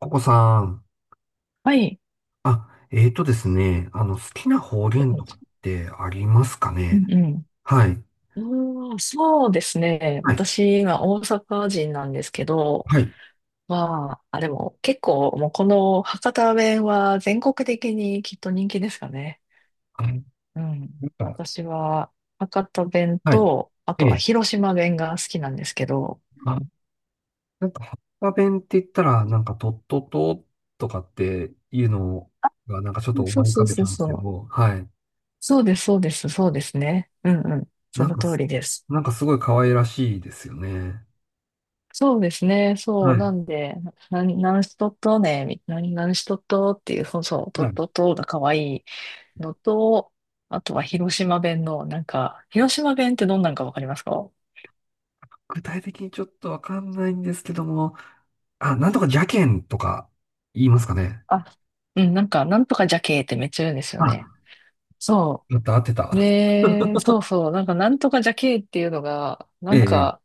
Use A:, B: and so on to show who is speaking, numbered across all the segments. A: ココさん。
B: はい。
A: あ、えーとですね。好きな方言とかっ
B: う
A: てありますかね？
B: んうん。
A: はい。
B: うーん、そうですね。
A: はい。
B: 私、今、大阪人なんですけど、
A: はい。
B: まあ、あ、でも、結構、もう、この博多弁は全国的にきっと人気ですかね。
A: あなん
B: うん。
A: か、
B: 私は、博多弁
A: はい。
B: と、あ
A: え
B: とは
A: え。
B: 広島弁が好きなんですけど、
A: あ、博多弁って言ったら、とっとととかっていうのが、なんかちょっ
B: う
A: と
B: んそ
A: 思
B: う
A: い浮
B: そ
A: か
B: う
A: べち
B: そ
A: ゃ
B: う
A: うんですけ
B: そ
A: ど、
B: う。
A: はい。
B: そうです、そうです、そうですね。うんうん。そ
A: なん
B: の
A: か
B: 通
A: す、
B: りです。
A: なんかすごい可愛らしいですよね。
B: そうですね。そ
A: は
B: う。な
A: い。
B: んで、何しとっとね、何しとっとっていう、そうそう、と
A: は
B: っ
A: い。
B: とっとが可愛いのと、あとは広島弁の、なんか、広島弁ってどんなんかわかりますか？
A: 具体的にちょっとわかんないんですけども、あ、なんとか邪剣とか言いますかね。
B: あ、うん、なんか、なんとかじゃけーってめっちゃ言うんですよね。
A: あ、
B: そ
A: やった、合って
B: う。
A: た。
B: で、そうそう、なんか、なんとかじゃけーっていうのが、な
A: え
B: ん
A: え。
B: か、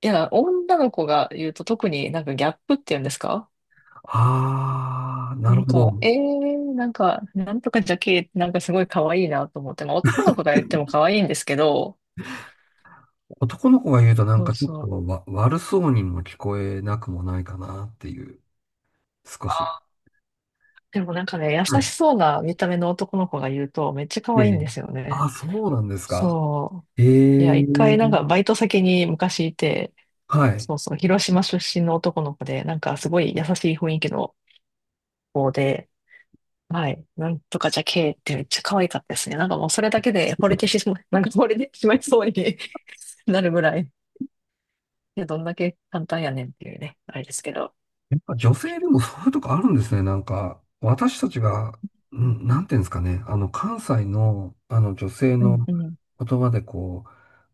B: いや、女の子が言うと特になんかギャップっていうんですか？
A: ああ、な
B: な
A: る
B: ん
A: ほ
B: か、
A: ど。
B: なんか、なんとかじゃけー、なんかすごい可愛いなと思って、まあ男の子が言っても可愛いんですけど、
A: 男の子が言うと
B: そう
A: ちょっ
B: そ
A: と
B: う。
A: わ、悪そうにも聞こえなくもないかなっていう、少
B: あ
A: し。
B: ー、でもなんかね、優
A: は
B: し
A: い。
B: そうな見た目の男の子が言うと、めっちゃ可
A: え
B: 愛いん
A: え。
B: ですよ
A: あ
B: ね。
A: あ、そうなんですか。
B: そ
A: え
B: う。いや、
A: え。
B: 一回なんかバイト先に昔いて、
A: はい。
B: そうそう、広島出身の男の子で、なんかすごい優しい雰囲気の子で、はい、なんとかじゃけーってめっちゃ可愛かったですね。なんかもうそれだけで惚れてしまい、なんか惚れてしまいそうに なるぐらい。いや、どんだけ簡単やねんっていうね、あれですけど。
A: やっぱ女性でもそういうとこあるんですね。なんか、私たちが、うん、なんていうんですかね。関西の、女性
B: うん
A: の
B: うん。
A: 言葉でこう、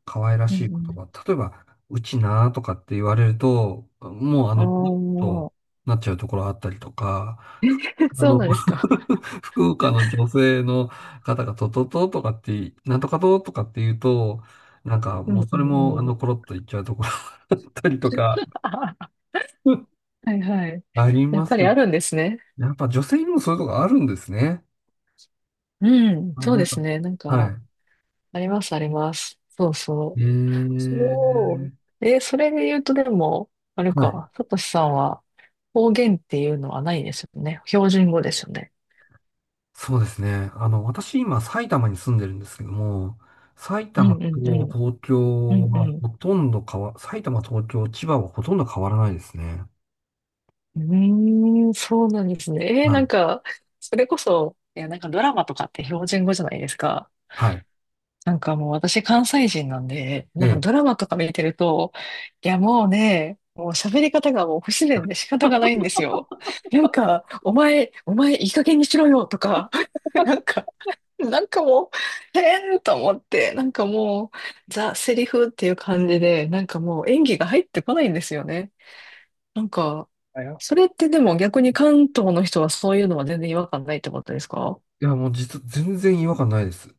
A: 可愛ら
B: うん
A: し
B: う
A: い言
B: ん
A: 葉。例えば、うちなーとかって言われると、もうあ
B: お
A: の、と
B: ー、
A: なっちゃうところあったりとか、ふ あ
B: そう
A: の、
B: なんですか。
A: 福岡の女性の方がととととかって、なんとかととかって言うと、なんか
B: うん。
A: も
B: う
A: う
B: ん
A: そ
B: う
A: れ
B: ん
A: も
B: う
A: あの、
B: ん。
A: コロッと言っちゃうところ あったりとか、
B: あ はいはい。
A: あり
B: やっ
A: ま
B: ぱ
A: す
B: り
A: よ
B: あ
A: ね。
B: るんですね。
A: やっぱ女性にもそういうとこあるんですね。
B: うん、
A: あ、
B: そう
A: な
B: で
A: んか、
B: すね。なんか、
A: は
B: ありますあります。そう
A: い。
B: そ
A: え
B: う。
A: ー、
B: そう。それで言うとでも、あれ
A: はい。
B: か、さとしさんは方言っていうのはないですよね。標準語ですよね。
A: そうですね。私今埼玉に住んでるんですけども、埼
B: うん
A: 玉
B: うんう
A: と
B: ん。
A: 東
B: う
A: 京
B: んう
A: は
B: ん
A: ほとんど変わ、埼玉、東京、千葉はほとんど変わらないですね。
B: うーん、そうなんですね。
A: は
B: なん
A: い。
B: か、それこそ、いや、なんかドラマとかって標準語じゃないですか。
A: はい。
B: なんかもう私関西人なんで、
A: え
B: なんか
A: え。
B: ドラマとか見てると、いやもうね、もう喋り方がもう不自然で仕方がないんですよ。なんか、お前いい加減にしろよとか、なんか、なんかもう、へーと思って、なんかもう、ザ・セリフっていう感じで、なんかもう演技が入ってこないんですよね。なんか、それってでも逆に関東の人はそういうのは全然違和感ないってことですか？
A: もう実、全然違和感ないです。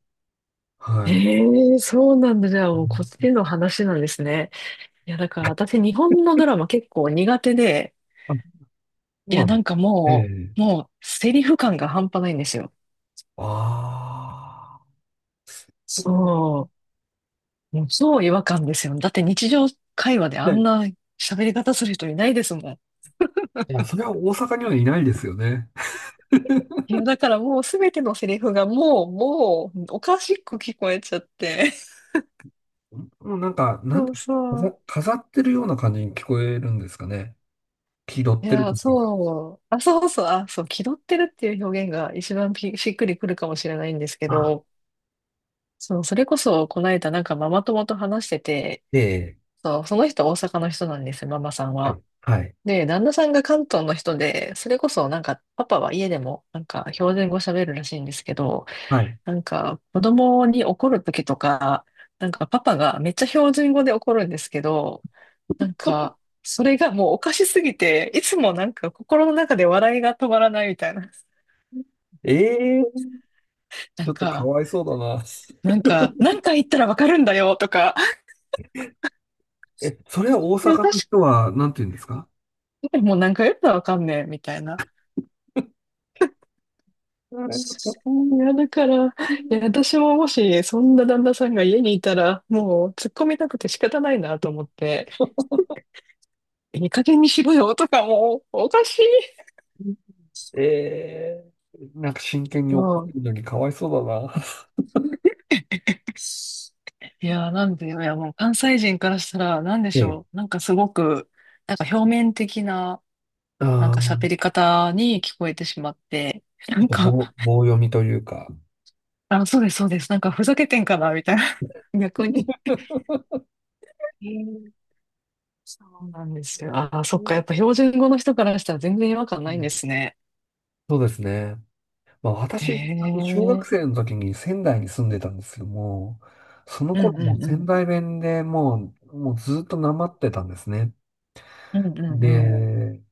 A: はい。
B: ええそうなんだ。じゃあ
A: う
B: もうこっ
A: ん。
B: ちの話なんですね。いや、だから私日本のドラマ結構苦手で、
A: あ、そ
B: い
A: う
B: や、
A: な
B: な
A: の。
B: んか
A: え
B: も
A: え。
B: う、もうセリフ感が半端ないんですよ。
A: ああ。ところ、
B: そう。もう超違和感ですよ。だって日常会話であん
A: ね、
B: な喋り方する人いないですもん。
A: いや、それは大阪にはいないですよね。
B: いや、だからもうすべてのセリフがもう、もう、おかしく聞こえちゃって。
A: もうなんか、なん
B: そ
A: だ、
B: うそう。
A: 飾ってるような感じに聞こえるんですかね。気取っ
B: い
A: てると
B: や、
A: いうか。
B: そう。あ、そうそう。あ、そう。気取ってるっていう表現が一番ぴしっくりくるかもしれないんですけ
A: あ、
B: ど、そう、それこそ、この間なんかママ友と話してて、
A: ええ、
B: そう、その人大阪の人なんですよ、ママさん
A: は
B: は。
A: い、はい、
B: で、旦那さんが関東の人で、それこそなんか、パパは家でもなんか標準語喋るらしいんですけど、
A: はい。
B: なんか子供に怒るときとか、なんかパパがめっちゃ標準語で怒るんですけど、なんか、それがもうおかしすぎて、いつもなんか心の中で笑いが止まらないみたいな。
A: ええ、
B: な
A: ちょ
B: ん
A: っとか
B: か、
A: わいそうだな。
B: なんか、何回言ったらわかるんだよとか、
A: え、それは大
B: い
A: 阪
B: や、
A: の
B: 確
A: 人は、なんて言うんですか？
B: かにもう何回言ったらわかんねえみたいな。
A: あれ？
B: いや、だから、私ももし、そんな旦那さんが家にいたら、もう突っ込みたくて仕方ないなと思って、いい加減にしろよとかもう、おかしい。
A: ええ、なんか真剣に
B: う
A: 怒って
B: ん。
A: るのにかわいそうだな。
B: いや、なんで、いや、もう関西人からしたら、なんで
A: え
B: し
A: え、
B: ょう。なんかすごく、なんか表面的な、なん
A: あ
B: か
A: ー、
B: 喋り方に聞こえてしまって、な
A: ちょっ
B: ん
A: と
B: か、
A: 棒読みというか。
B: あ、そうです、そうです。なんかふざけてんかな、みたいな。逆に。
A: ええ。
B: そうなんですよ。ああ、そっか。やっぱ
A: う
B: 標準語の人からしたら全然違和感ないんで
A: ん。
B: すね。
A: そうですね。
B: へ
A: 私、あの小学生
B: え。
A: の時に仙台に住んでたんですけども、その
B: う
A: 頃
B: ん
A: も
B: う
A: う
B: んう
A: 仙
B: ん。
A: 台弁でもうずっとなまってたんですね。
B: うんうんうん。
A: で、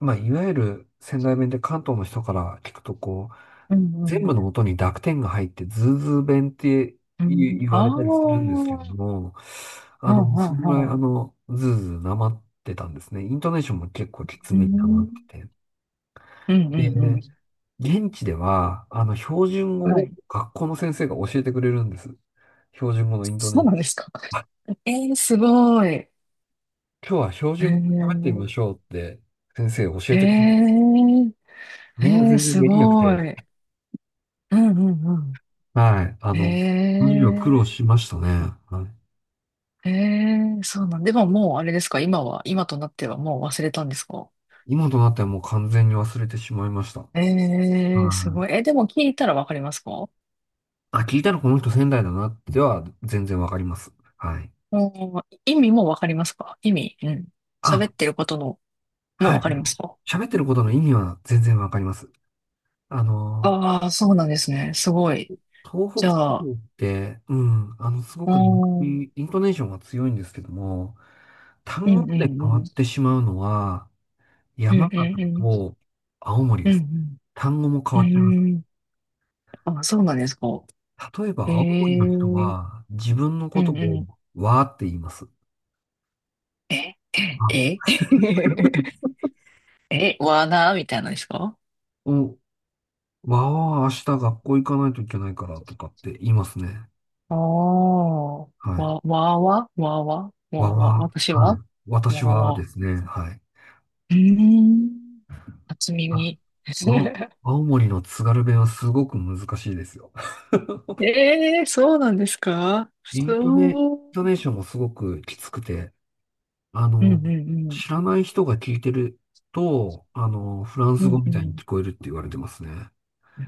A: まあ、いわゆる仙台弁で関東の人から聞くと、こう、
B: う
A: 全
B: んう
A: 部
B: ん。
A: の音に濁点が入って、ズーズー弁って
B: うん、
A: 言
B: あ
A: われたりするんですけど
B: あ。
A: も、
B: うんう
A: そのぐ
B: ん
A: らい、
B: う
A: ズーズーなまってたんですね。イントネーションも結構きつめになまって
B: ん。
A: て。
B: うんうんう
A: で、
B: んうんうんうんうんうんうんああうんうんうんうんうんうん
A: 現地では、標準
B: は
A: 語を
B: い。
A: 学校の先生が教えてくれるんです。標準語のイントネ
B: そ
A: ー
B: う
A: シ
B: な
A: ョ
B: ん
A: ン。
B: ですか。
A: あ、
B: すごい。
A: 今日は標準語喋ってみま
B: ー、
A: しょうって先生教
B: え
A: えてくれる。
B: ー、
A: みんな全然
B: す
A: できなく
B: ご
A: て。
B: い。うんうんう
A: はい。あ
B: ん。へ
A: の、その時は苦労
B: え、
A: しましたね。はい。
B: へえ、そうなんで、もうあれですか、今は、今となってはもう忘れたんですか？
A: 今となってはもう完全に忘れてしまいました。は
B: ええ、す
A: い。
B: ごい。え、でも聞いたらわかりますか？
A: あ、聞いたらこの人仙台だなっては全然わかります。はい。
B: もう、意味もわかりますか？意味、うん。喋っ
A: あ、
B: てることの、もう
A: はい。
B: わかりますか？
A: 喋ってることの意味は全然わかります。あのー
B: ああそうなんですね。すごい。
A: 東
B: じ
A: 北
B: ゃ
A: 地
B: あ、
A: 方って、うん、あの、すご
B: うー
A: くなんか
B: ん、うん
A: イントネーションが強いんですけども、
B: う
A: 単語ま
B: んう
A: で変わ
B: ん。
A: ってしまうのは、
B: うんう
A: 山形
B: んうん。
A: と青森
B: う
A: です。
B: ん
A: 単語も変
B: うん。う
A: わっちゃいます。
B: ーん。あ、そうなんですか。
A: 例えば、
B: え
A: 青森の
B: え、う
A: 人
B: ん
A: は、自分の
B: う
A: ことを、
B: ん。
A: わーって言います。
B: え、
A: あ、
B: え え、わなみたいなのですか？
A: お、わーは明日学校行かないといけないからとかって言いますね。
B: ああー、
A: は
B: わ、
A: い。
B: わわわわわ
A: わ
B: わ、私
A: ーはい。
B: はわ
A: 私はで
B: わ。
A: すね、はい。
B: うーん、初
A: あ
B: 耳。
A: あ、 青森の津軽弁はすごく難しいですよ。
B: ええそうなんですか
A: イン
B: そ
A: ト
B: う。
A: ネーションもすごくきつくて、あ
B: うんう
A: の、
B: んうん。
A: 知らない人が聞いてると、あの、フラン
B: う
A: ス語
B: んう
A: みたいに
B: ん。
A: 聞こえるって言われてますね。
B: え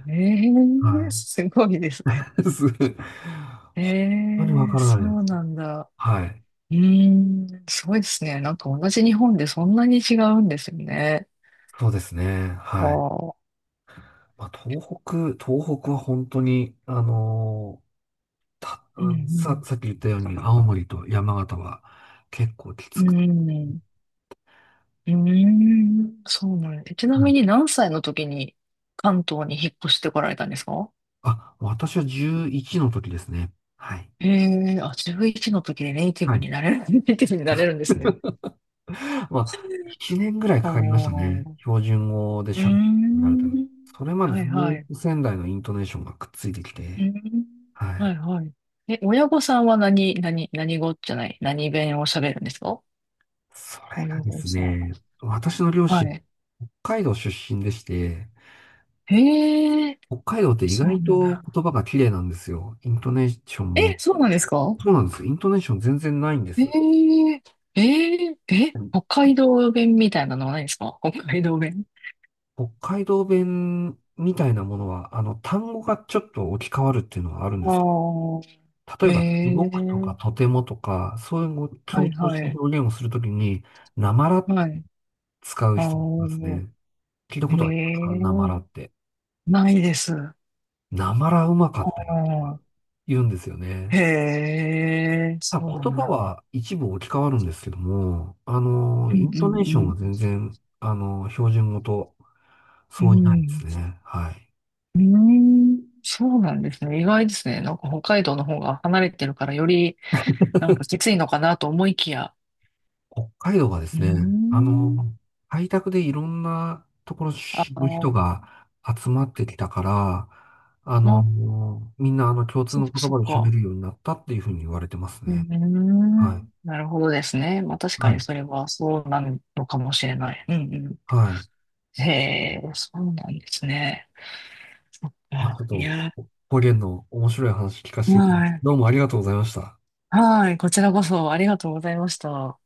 A: は
B: えすごいですね。
A: い。本
B: え
A: 当にわ
B: え
A: からな
B: そ
A: いで
B: う
A: すね。
B: なんだ。
A: はい。
B: うーん、すごいですね。なんか同じ日本でそんなに違うんですよね。
A: そうですね。
B: は
A: はい。
B: あ。
A: まあ、東北は本当に、た、
B: うん
A: さっき言ったように、青森と山形は結構き
B: う
A: つく
B: ん。
A: て。
B: うん。うーん、そうなんです。ちな
A: は
B: み
A: い。
B: に何歳の時に関東に引っ越してこられたんですか？
A: あ、私は11の時ですね。はい。
B: へえあ、11の時でネイティ
A: は
B: ブ
A: い。
B: になれる、ネイティブになれるんですね。
A: まあ、1年ぐらいかかりました
B: お
A: ね。
B: ー。
A: 標準語で
B: うー
A: 喋るようになれたら。
B: ん。
A: それまで
B: は
A: ず
B: いはい。
A: っ
B: う
A: と仙台のイントネーションがくっついてき
B: ー
A: て、
B: ん。
A: はい。
B: はいはい。え、親御さんは何語じゃない、何弁を喋るんですか？
A: それ
B: 親
A: がで
B: 御
A: す
B: さん。
A: ね、私の両
B: は
A: 親、
B: い。
A: 北海道出身でして、
B: へえ、
A: 北海道って意
B: そうな
A: 外
B: ん
A: と
B: だ。
A: 言葉が綺麗なんですよ。イントネーションも。
B: え、そうなんですか？
A: そうなんです。イントネーション全然ないんで
B: え
A: す。
B: ええええ、北海道弁みたいなのはないんですか？北海道弁。
A: 北海道弁みたいなものは、あの、単語がちょっと置き換わるっていうのはあるんで
B: あ
A: すけど。
B: あ、
A: 例
B: え
A: えば、すごくとか、
B: え
A: とてもとか、そういうのを
B: は
A: 強
B: い
A: 調
B: は
A: した
B: い、
A: 表現をするときに、なまら
B: はい。
A: 使う
B: あ
A: 人もいます
B: あ、
A: ね。聞いた
B: え
A: ことありますか？なまら
B: え
A: って。
B: ないです。あ
A: なまらうまかったよと
B: あ、
A: 言うんですよ
B: へ
A: ね。
B: え、
A: ただ
B: そうな
A: 言
B: ん
A: 葉
B: だ。
A: は一部置き換わるんですけども、あの、
B: う
A: イ
B: ん
A: ントネー
B: う
A: ション
B: ん
A: は全然、あの、標準語と
B: う
A: 相違ないで
B: ん。
A: すね。はい。
B: うん、うーん、そうなんですね。意外ですね。なんか北海道の方が離れてるからよりなんかきついのかなと思いきや。
A: 北海道はで
B: うー
A: すね、あ
B: ん、
A: の、開拓でいろんなところ
B: あ
A: の
B: あ、
A: 人が集まってきたから、あの、みんなあの共通
B: そっ
A: の
B: か
A: 言
B: そっ
A: 葉で喋
B: か。
A: るようになったっていうふうに言われてます
B: うー
A: ね。
B: ん。
A: はい。
B: なるほどですね。まあ確か
A: は
B: に
A: い。
B: それはそうなのかもしれない。うんう
A: はい。
B: ん。へえ、そうなんですね。そっ
A: まあ、
B: か。
A: ちょっ
B: い
A: と、
B: や、
A: 方言の面白い話聞かせ
B: は
A: ていただき、
B: い。
A: どうもありがとうございました。
B: はい。こちらこそありがとうございました。